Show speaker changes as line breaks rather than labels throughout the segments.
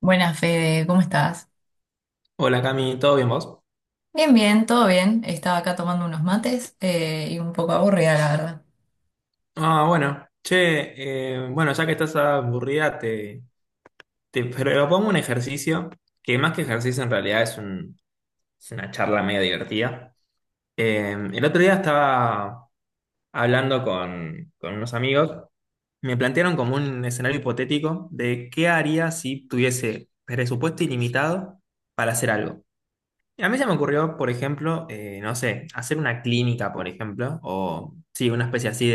Buenas, Fede, ¿cómo estás?
Hola Cami, ¿todo bien vos?
Bien, bien, todo bien. Estaba acá tomando unos mates, y un poco aburrida, la verdad.
Ah, bueno, che, bueno, ya que estás aburrida, te propongo un ejercicio, que más que ejercicio en realidad es, es una charla medio divertida. El otro día estaba hablando con unos amigos, me plantearon como un escenario hipotético de qué haría si tuviese presupuesto ilimitado para hacer algo. Y a mí se me ocurrió, por ejemplo, no sé, hacer una clínica, por ejemplo, o sí, una especie así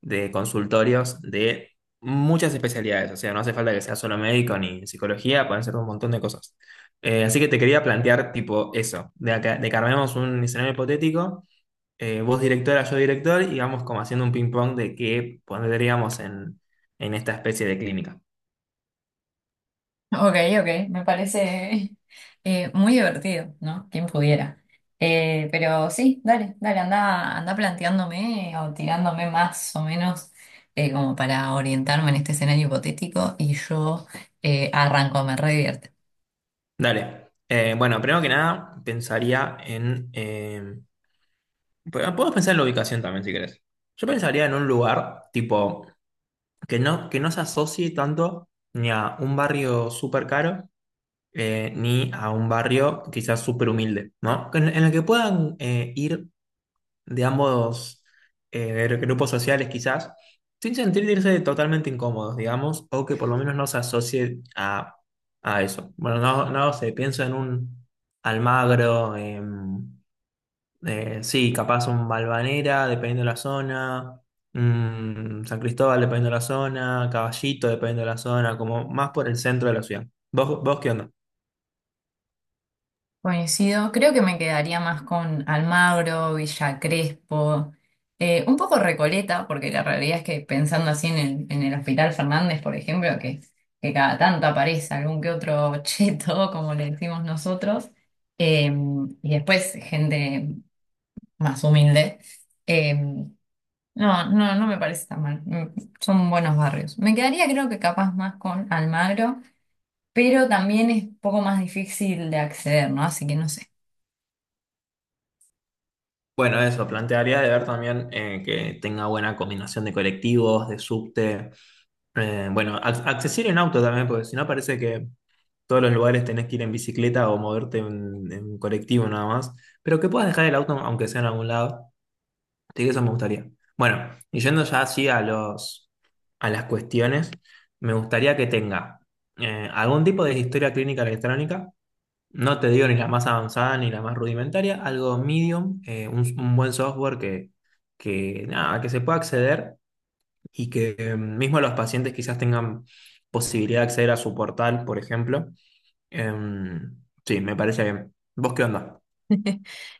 de consultorios de muchas especialidades. O sea, no hace falta que sea solo médico ni psicología, pueden ser un montón de cosas. Así que te quería plantear tipo eso, de que armemos un escenario hipotético, vos directora, yo director, y vamos como haciendo un ping-pong de qué pondríamos en esta especie de clínica.
Ok, ok, me parece muy divertido, ¿no? Quien pudiera. Pero sí, dale, dale, anda, anda planteándome o tirándome más o menos, como para orientarme en este escenario hipotético y yo arranco, me re divierte.
Dale. Bueno, primero que nada, pensaría en... podemos pensar en la ubicación también, si querés. Yo pensaría en un lugar tipo que no se asocie tanto ni a un barrio súper caro, ni a un barrio quizás súper humilde, ¿no? En el que puedan ir de ambos grupos sociales quizás, sin sentirse totalmente incómodos, digamos, o que por lo menos no se asocie a eso. Bueno, no, no sé, pienso en un Almagro, sí, capaz un Valvanera, dependiendo de la zona, San Cristóbal, dependiendo de la zona, Caballito, dependiendo de la zona, como más por el centro de la ciudad. Vos qué onda?
Coincido, creo que me quedaría más con Almagro, Villa Crespo, un poco Recoleta, porque la realidad es que pensando así en el Hospital Fernández, por ejemplo, que cada tanto aparece algún que otro cheto, como le decimos nosotros, eh, y después gente más humilde, no, no, no me parece tan mal. Mm, son buenos barrios. Me quedaría, creo que capaz más con Almagro, pero también es un poco más difícil de acceder, ¿no? Así que no sé.
Bueno, eso, plantearía de ver también que tenga buena combinación de colectivos, de subte, eh, bueno, accesible en auto también, porque si no parece que todos los lugares tenés que ir en bicicleta o moverte en colectivo nada más, pero que puedas dejar el auto aunque sea en algún lado. Así que eso me gustaría. Bueno, y yendo ya así a a las cuestiones, me gustaría que tenga algún tipo de historia clínica electrónica, no te digo ni la más avanzada ni la más rudimentaria, algo medium, un buen software que, nada, que se pueda acceder y que mismo los pacientes quizás tengan posibilidad de acceder a su portal, por ejemplo. Em, sí, me parece bien. ¿Vos qué onda?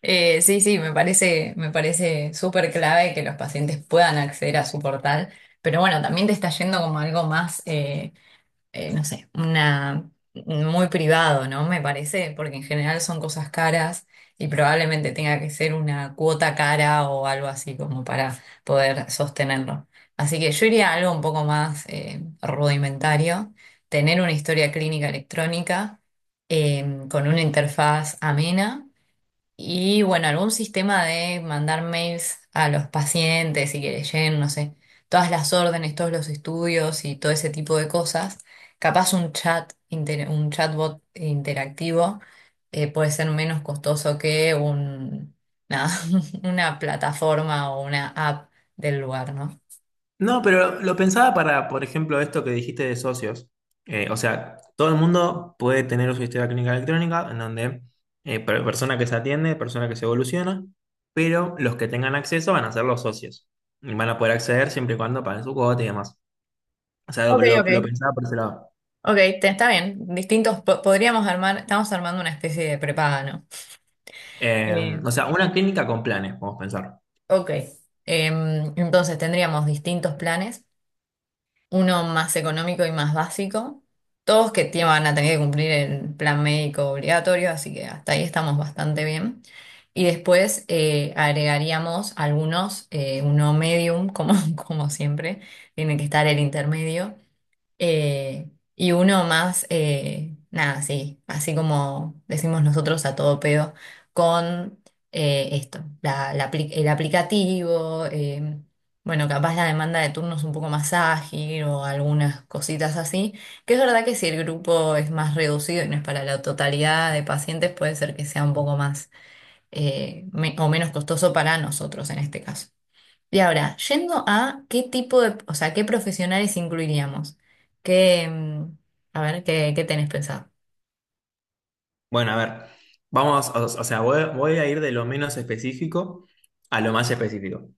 Sí, sí, me parece súper clave que los pacientes puedan acceder a su portal, pero bueno, también te está yendo como algo más, no sé, una, muy privado, ¿no? Me parece, porque en general son cosas caras y probablemente tenga que ser una cuota cara o algo así como para poder sostenerlo. Así que yo iría a algo un poco más rudimentario, tener una historia clínica electrónica eh, con una interfaz amena, y bueno, algún sistema de mandar mails a los pacientes y que les lleguen, no sé, todas las órdenes, todos los estudios y todo ese tipo de cosas. Capaz un chat, un chatbot interactivo, puede ser menos costoso que un, nada, una plataforma o una app del lugar, ¿no?
No, pero lo pensaba para, por ejemplo, esto que dijiste de socios. O sea, todo el mundo puede tener su historia clínica electrónica, en donde eh, persona que se atiende, persona que se evoluciona, pero los que tengan acceso van a ser los socios. Y van a poder acceder siempre y cuando paguen su cuota y demás. O sea, lo,
Ok,
lo-
ok.
lo pensaba por ese lado.
Ok, está bien. Distintos, podríamos armar, estamos armando una especie de prepaga, ¿no?
Eh,
Eh,
o sea, una clínica con planes, vamos a pensar.
ok. Entonces tendríamos distintos planes. Uno más económico y más básico. Todos que van a tener que cumplir el plan médico obligatorio, así que hasta ahí estamos bastante bien. Y después agregaríamos algunos, uno medium, como, como siempre, tiene que estar el intermedio, eh, y uno más, nada, sí, así como decimos nosotros a todo pedo, con esto, el aplicativo, bueno, capaz la demanda de turnos un poco más ágil o algunas cositas así, que es verdad que si el grupo es más reducido y no es para la totalidad de pacientes, puede ser que sea un poco más o menos costoso para nosotros en este caso. Y ahora, yendo a qué tipo de, o sea, qué profesionales incluiríamos. ¿Qué, mm, a ver, qué, qué tenés pensado?
Bueno, a ver, vamos, o sea, voy, voy a ir de lo menos específico a lo más específico.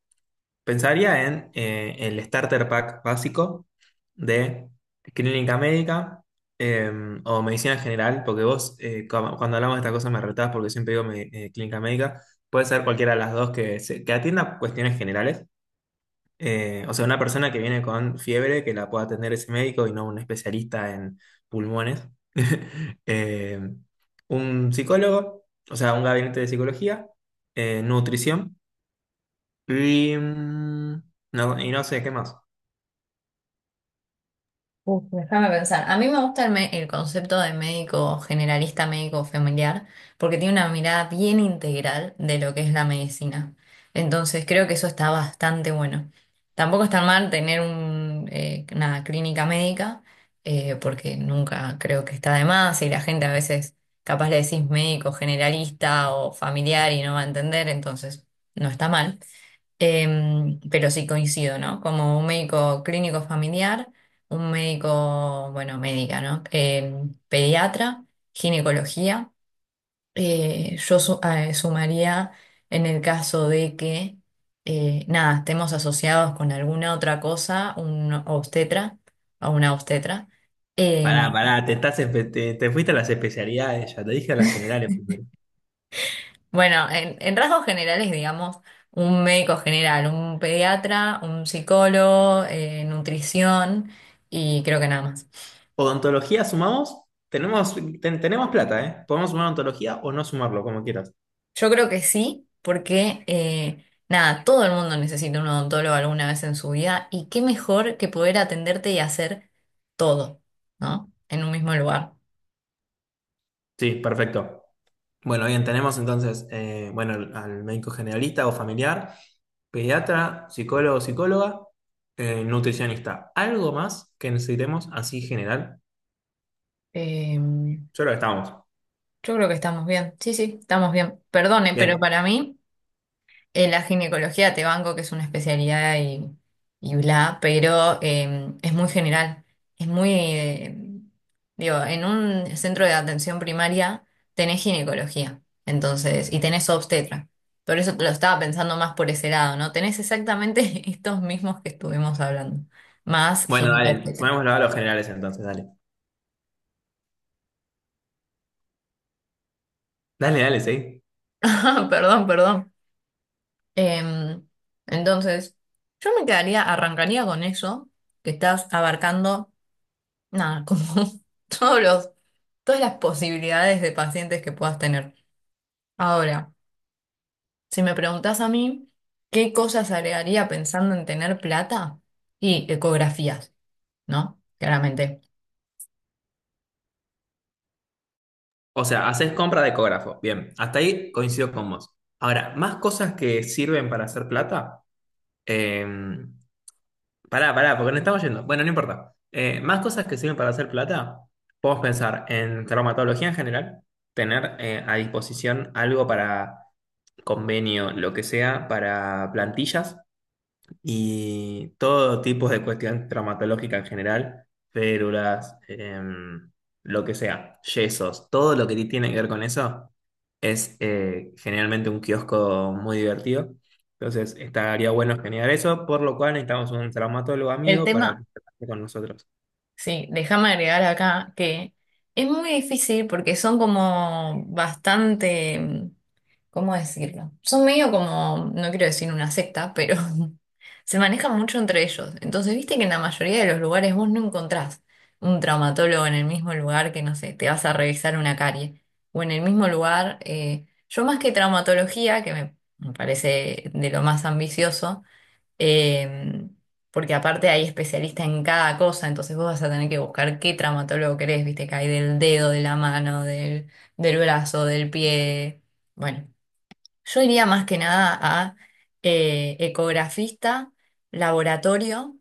Pensaría en el starter pack básico de clínica médica, eh, o medicina general, porque vos, eh, cuando hablamos de estas cosas me retás porque siempre digo clínica médica, puede ser cualquiera de las dos que, que atienda cuestiones generales. O sea, una persona que viene con fiebre que la pueda atender ese médico y no un especialista en pulmones. Eh, un psicólogo, o sea, un gabinete de psicología, nutrición. Y, no, y no sé, ¿qué más?
Uf, déjame pensar. A mí me gusta el concepto de médico generalista, médico familiar, porque tiene una mirada bien integral de lo que es la medicina. Entonces creo que eso está bastante bueno. Tampoco está mal tener un, una clínica médica, porque nunca creo que está de más y la gente a veces capaz le decís médico generalista o familiar y no va a entender, entonces no está mal. Pero sí coincido, ¿no? Como un médico clínico familiar, un médico, bueno, médica, ¿no? Em, pediatra, ginecología. Yo sumaría en el caso de que, nada, estemos asociados con alguna otra cosa, un obstetra o una obstetra.
Pará,
Em,
pará, te fuiste a las especialidades, ya te dije a las generales primero.
Bueno, en rasgos generales, digamos, un médico general, un pediatra, un psicólogo, nutrición, y creo que nada más.
Odontología sumamos, tenemos, tenemos plata, ¿eh? Podemos sumar odontología o no sumarlo, como quieras.
Yo creo que sí, porque nada, todo el mundo necesita un odontólogo alguna vez en su vida, y qué mejor que poder atenderte y hacer todo, ¿no? En un mismo lugar.
Sí, perfecto. Bueno, bien, tenemos entonces, bueno, al médico generalista o familiar, pediatra, psicólogo, psicóloga, nutricionista. ¿Algo más que necesitemos así general?
Eh,
Yo creo que estamos.
yo creo que estamos bien, sí, sí, estamos bien. Perdone, pero
Bien.
para mí... En la ginecología te banco, que es una especialidad y bla, pero es muy general. Es muy, digo, en un centro de atención primaria tenés ginecología, entonces, y tenés obstetra. Por eso te lo estaba pensando más por ese lado, ¿no? Tenés exactamente estos mismos que estuvimos hablando, más
Bueno, dale,
gineco-obstetra.
sumémoslo a los generales entonces, dale. Dale, dale, sí.
Perdón, perdón. Em, entonces, yo me quedaría, arrancaría con eso que estás abarcando. Nada, como todos los, todas las posibilidades de pacientes que puedas tener. Ahora, si me preguntas a mí, ¿qué cosas agregaría pensando en tener plata? Y ecografías, ¿no? Claramente.
O sea, haces compra de ecógrafo. Bien, hasta ahí coincido con vos. Ahora, más cosas que sirven para hacer plata. Eh, Pará, pará, porque nos estamos yendo. Bueno, no importa. Más cosas que sirven para hacer plata. Podemos pensar en traumatología en general, tener a disposición algo para convenio, lo que sea, para plantillas y todo tipo de cuestión traumatológica en general, férulas, lo que sea, yesos, todo lo que tiene que ver con eso es generalmente un kiosco muy divertido. Entonces, estaría bueno generar eso, por lo cual necesitamos un traumatólogo
El
amigo para
tema,
que trabaje con nosotros.
sí, déjame agregar acá que es muy difícil porque son como bastante, mm, ¿cómo decirlo? Son medio como, no quiero decir una secta, pero se manejan mucho entre ellos. Entonces, viste que en la mayoría de los lugares vos no encontrás un traumatólogo en el mismo lugar que, no sé, te vas a revisar una carie. O en el mismo lugar, yo más que traumatología, que me parece de lo más ambicioso, eh, porque aparte hay especialistas en cada cosa, entonces vos vas a tener que buscar qué traumatólogo querés, viste, que hay del dedo, de la mano, del brazo, del pie. Bueno, yo iría más que nada a ecografista, laboratorio,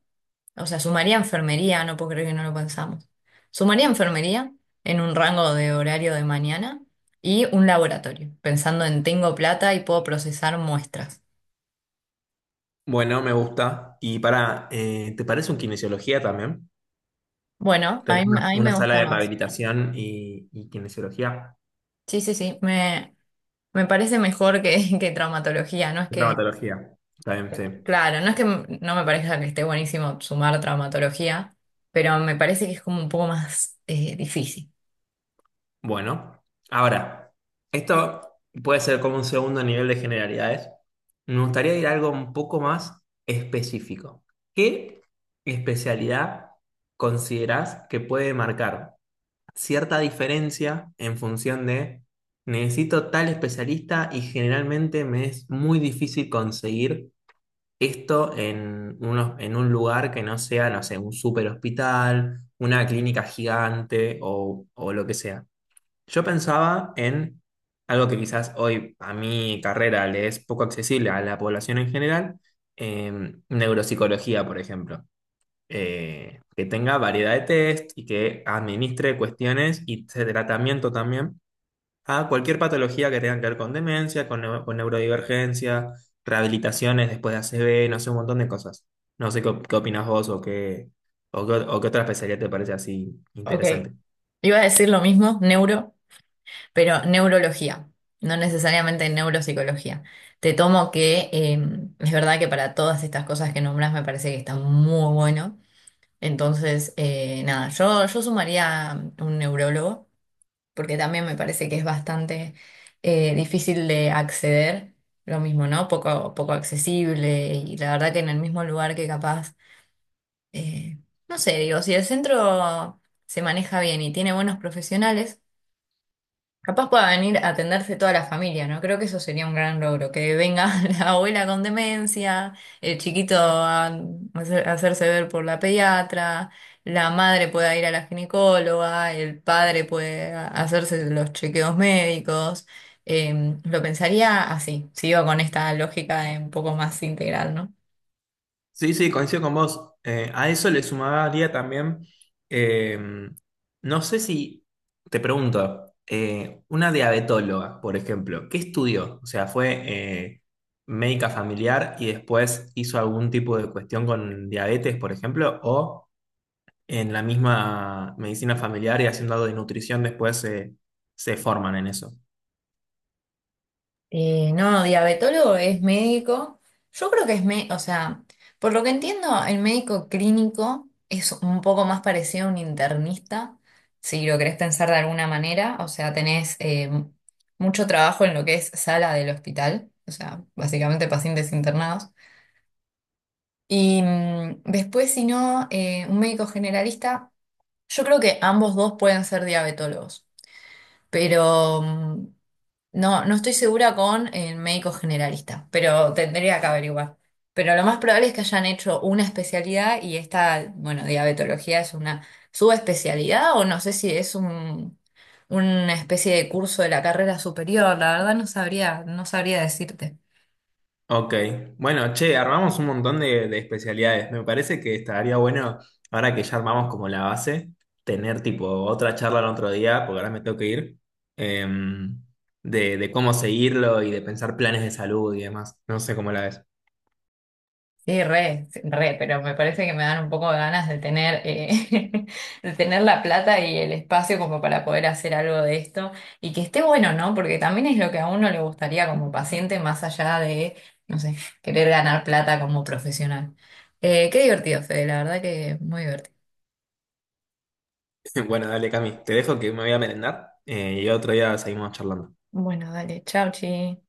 o sea, sumaría enfermería, no puedo creer que no lo pensamos. Sumaría enfermería en un rango de horario de mañana y un laboratorio, pensando en tengo plata y puedo procesar muestras.
Bueno, me gusta. Y para, ¿te parece un kinesiología también?
Bueno,
Tener
a mí
una
me
sala
gusta
de
más.
rehabilitación y kinesiología.
Sí, sí, sí, me parece mejor que, que traumatología, no es que,
Traumatología. Está bien, sí.
claro, no me parezca que esté buenísimo sumar traumatología, pero me parece que es como un poco más difícil.
Bueno, ahora, esto puede ser como un segundo nivel de generalidades. Me gustaría ir a algo un poco más específico. ¿Qué especialidad considerás que puede marcar cierta diferencia en función de necesito tal especialista y generalmente me es muy difícil conseguir esto en, en un lugar que no sea, no sé, un super hospital, una clínica gigante o lo que sea? Yo pensaba en algo que quizás hoy a mi carrera le es poco accesible a la población en general, neuropsicología, por ejemplo. Que tenga variedad de test y que administre cuestiones y de tratamiento también a cualquier patología que tenga que ver con demencia, con con neurodivergencia, rehabilitaciones después de ACV, no sé, un montón de cosas. No sé qué, qué opinas vos o qué otra especialidad te parece así
Ok,
interesante.
iba a decir lo mismo, neuro, pero neurología, no necesariamente neuropsicología. Te tomo que es verdad que para todas estas cosas que nombras me parece que está muy bueno, entonces, nada, yo sumaría un neurólogo, porque también me parece que es bastante difícil de acceder, lo mismo, ¿no? Poco, poco accesible, y la verdad que en el mismo lugar que capaz, eh, no sé, digo, si el centro se maneja bien y tiene buenos profesionales, capaz pueda venir a atenderse toda la familia, ¿no? Creo que eso sería un gran logro, que venga la abuela con demencia, el chiquito a a hacerse ver por la pediatra, la madre pueda ir a la ginecóloga, el padre puede hacerse los chequeos médicos. Lo pensaría así, si iba con esta lógica de un poco más integral, ¿no?
Sí, sí, coincido con vos. A eso le sumaría también, eh, no sé si, te pregunto, una diabetóloga, por ejemplo, ¿qué estudió? O sea, ¿fue eh, médica familiar y después hizo algún tipo de cuestión con diabetes, por ejemplo? ¿O en la misma medicina familiar y haciendo algo de nutrición después se forman en eso?
No, diabetólogo es médico. Yo creo que es, o sea, por lo que entiendo, el médico clínico es un poco más parecido a un internista, si lo querés pensar de alguna manera. O sea, tenés mucho trabajo en lo que es sala del hospital, o sea, básicamente pacientes internados. Y mm, después, si no, un médico generalista, yo creo que ambos dos pueden ser diabetólogos, pero... mm, no, no estoy segura con el médico generalista, pero tendría que averiguar. Pero lo más probable es que hayan hecho una especialidad, y esta, bueno, diabetología es una subespecialidad o no sé si es un, una especie de curso de la carrera superior. La verdad no sabría, no sabría decirte.
Ok, bueno, che, armamos un montón de especialidades. Me parece que estaría bueno, ahora que ya armamos como la base, tener tipo otra charla el otro día, porque ahora me tengo que ir, em, de cómo seguirlo y de pensar planes de salud y demás. No sé cómo la ves.
Sí, re, pero me parece que me dan un poco de ganas de tener, de tener la plata y el espacio como para poder hacer algo de esto y que esté bueno, ¿no? Porque también es lo que a uno le gustaría como paciente más allá de, no sé, querer ganar plata como profesional. Qué divertido, Fede, la verdad que muy divertido.
Bueno, dale, Cami, te dejo que me voy a merendar y otro día seguimos charlando.
Bueno, dale, chau, chi.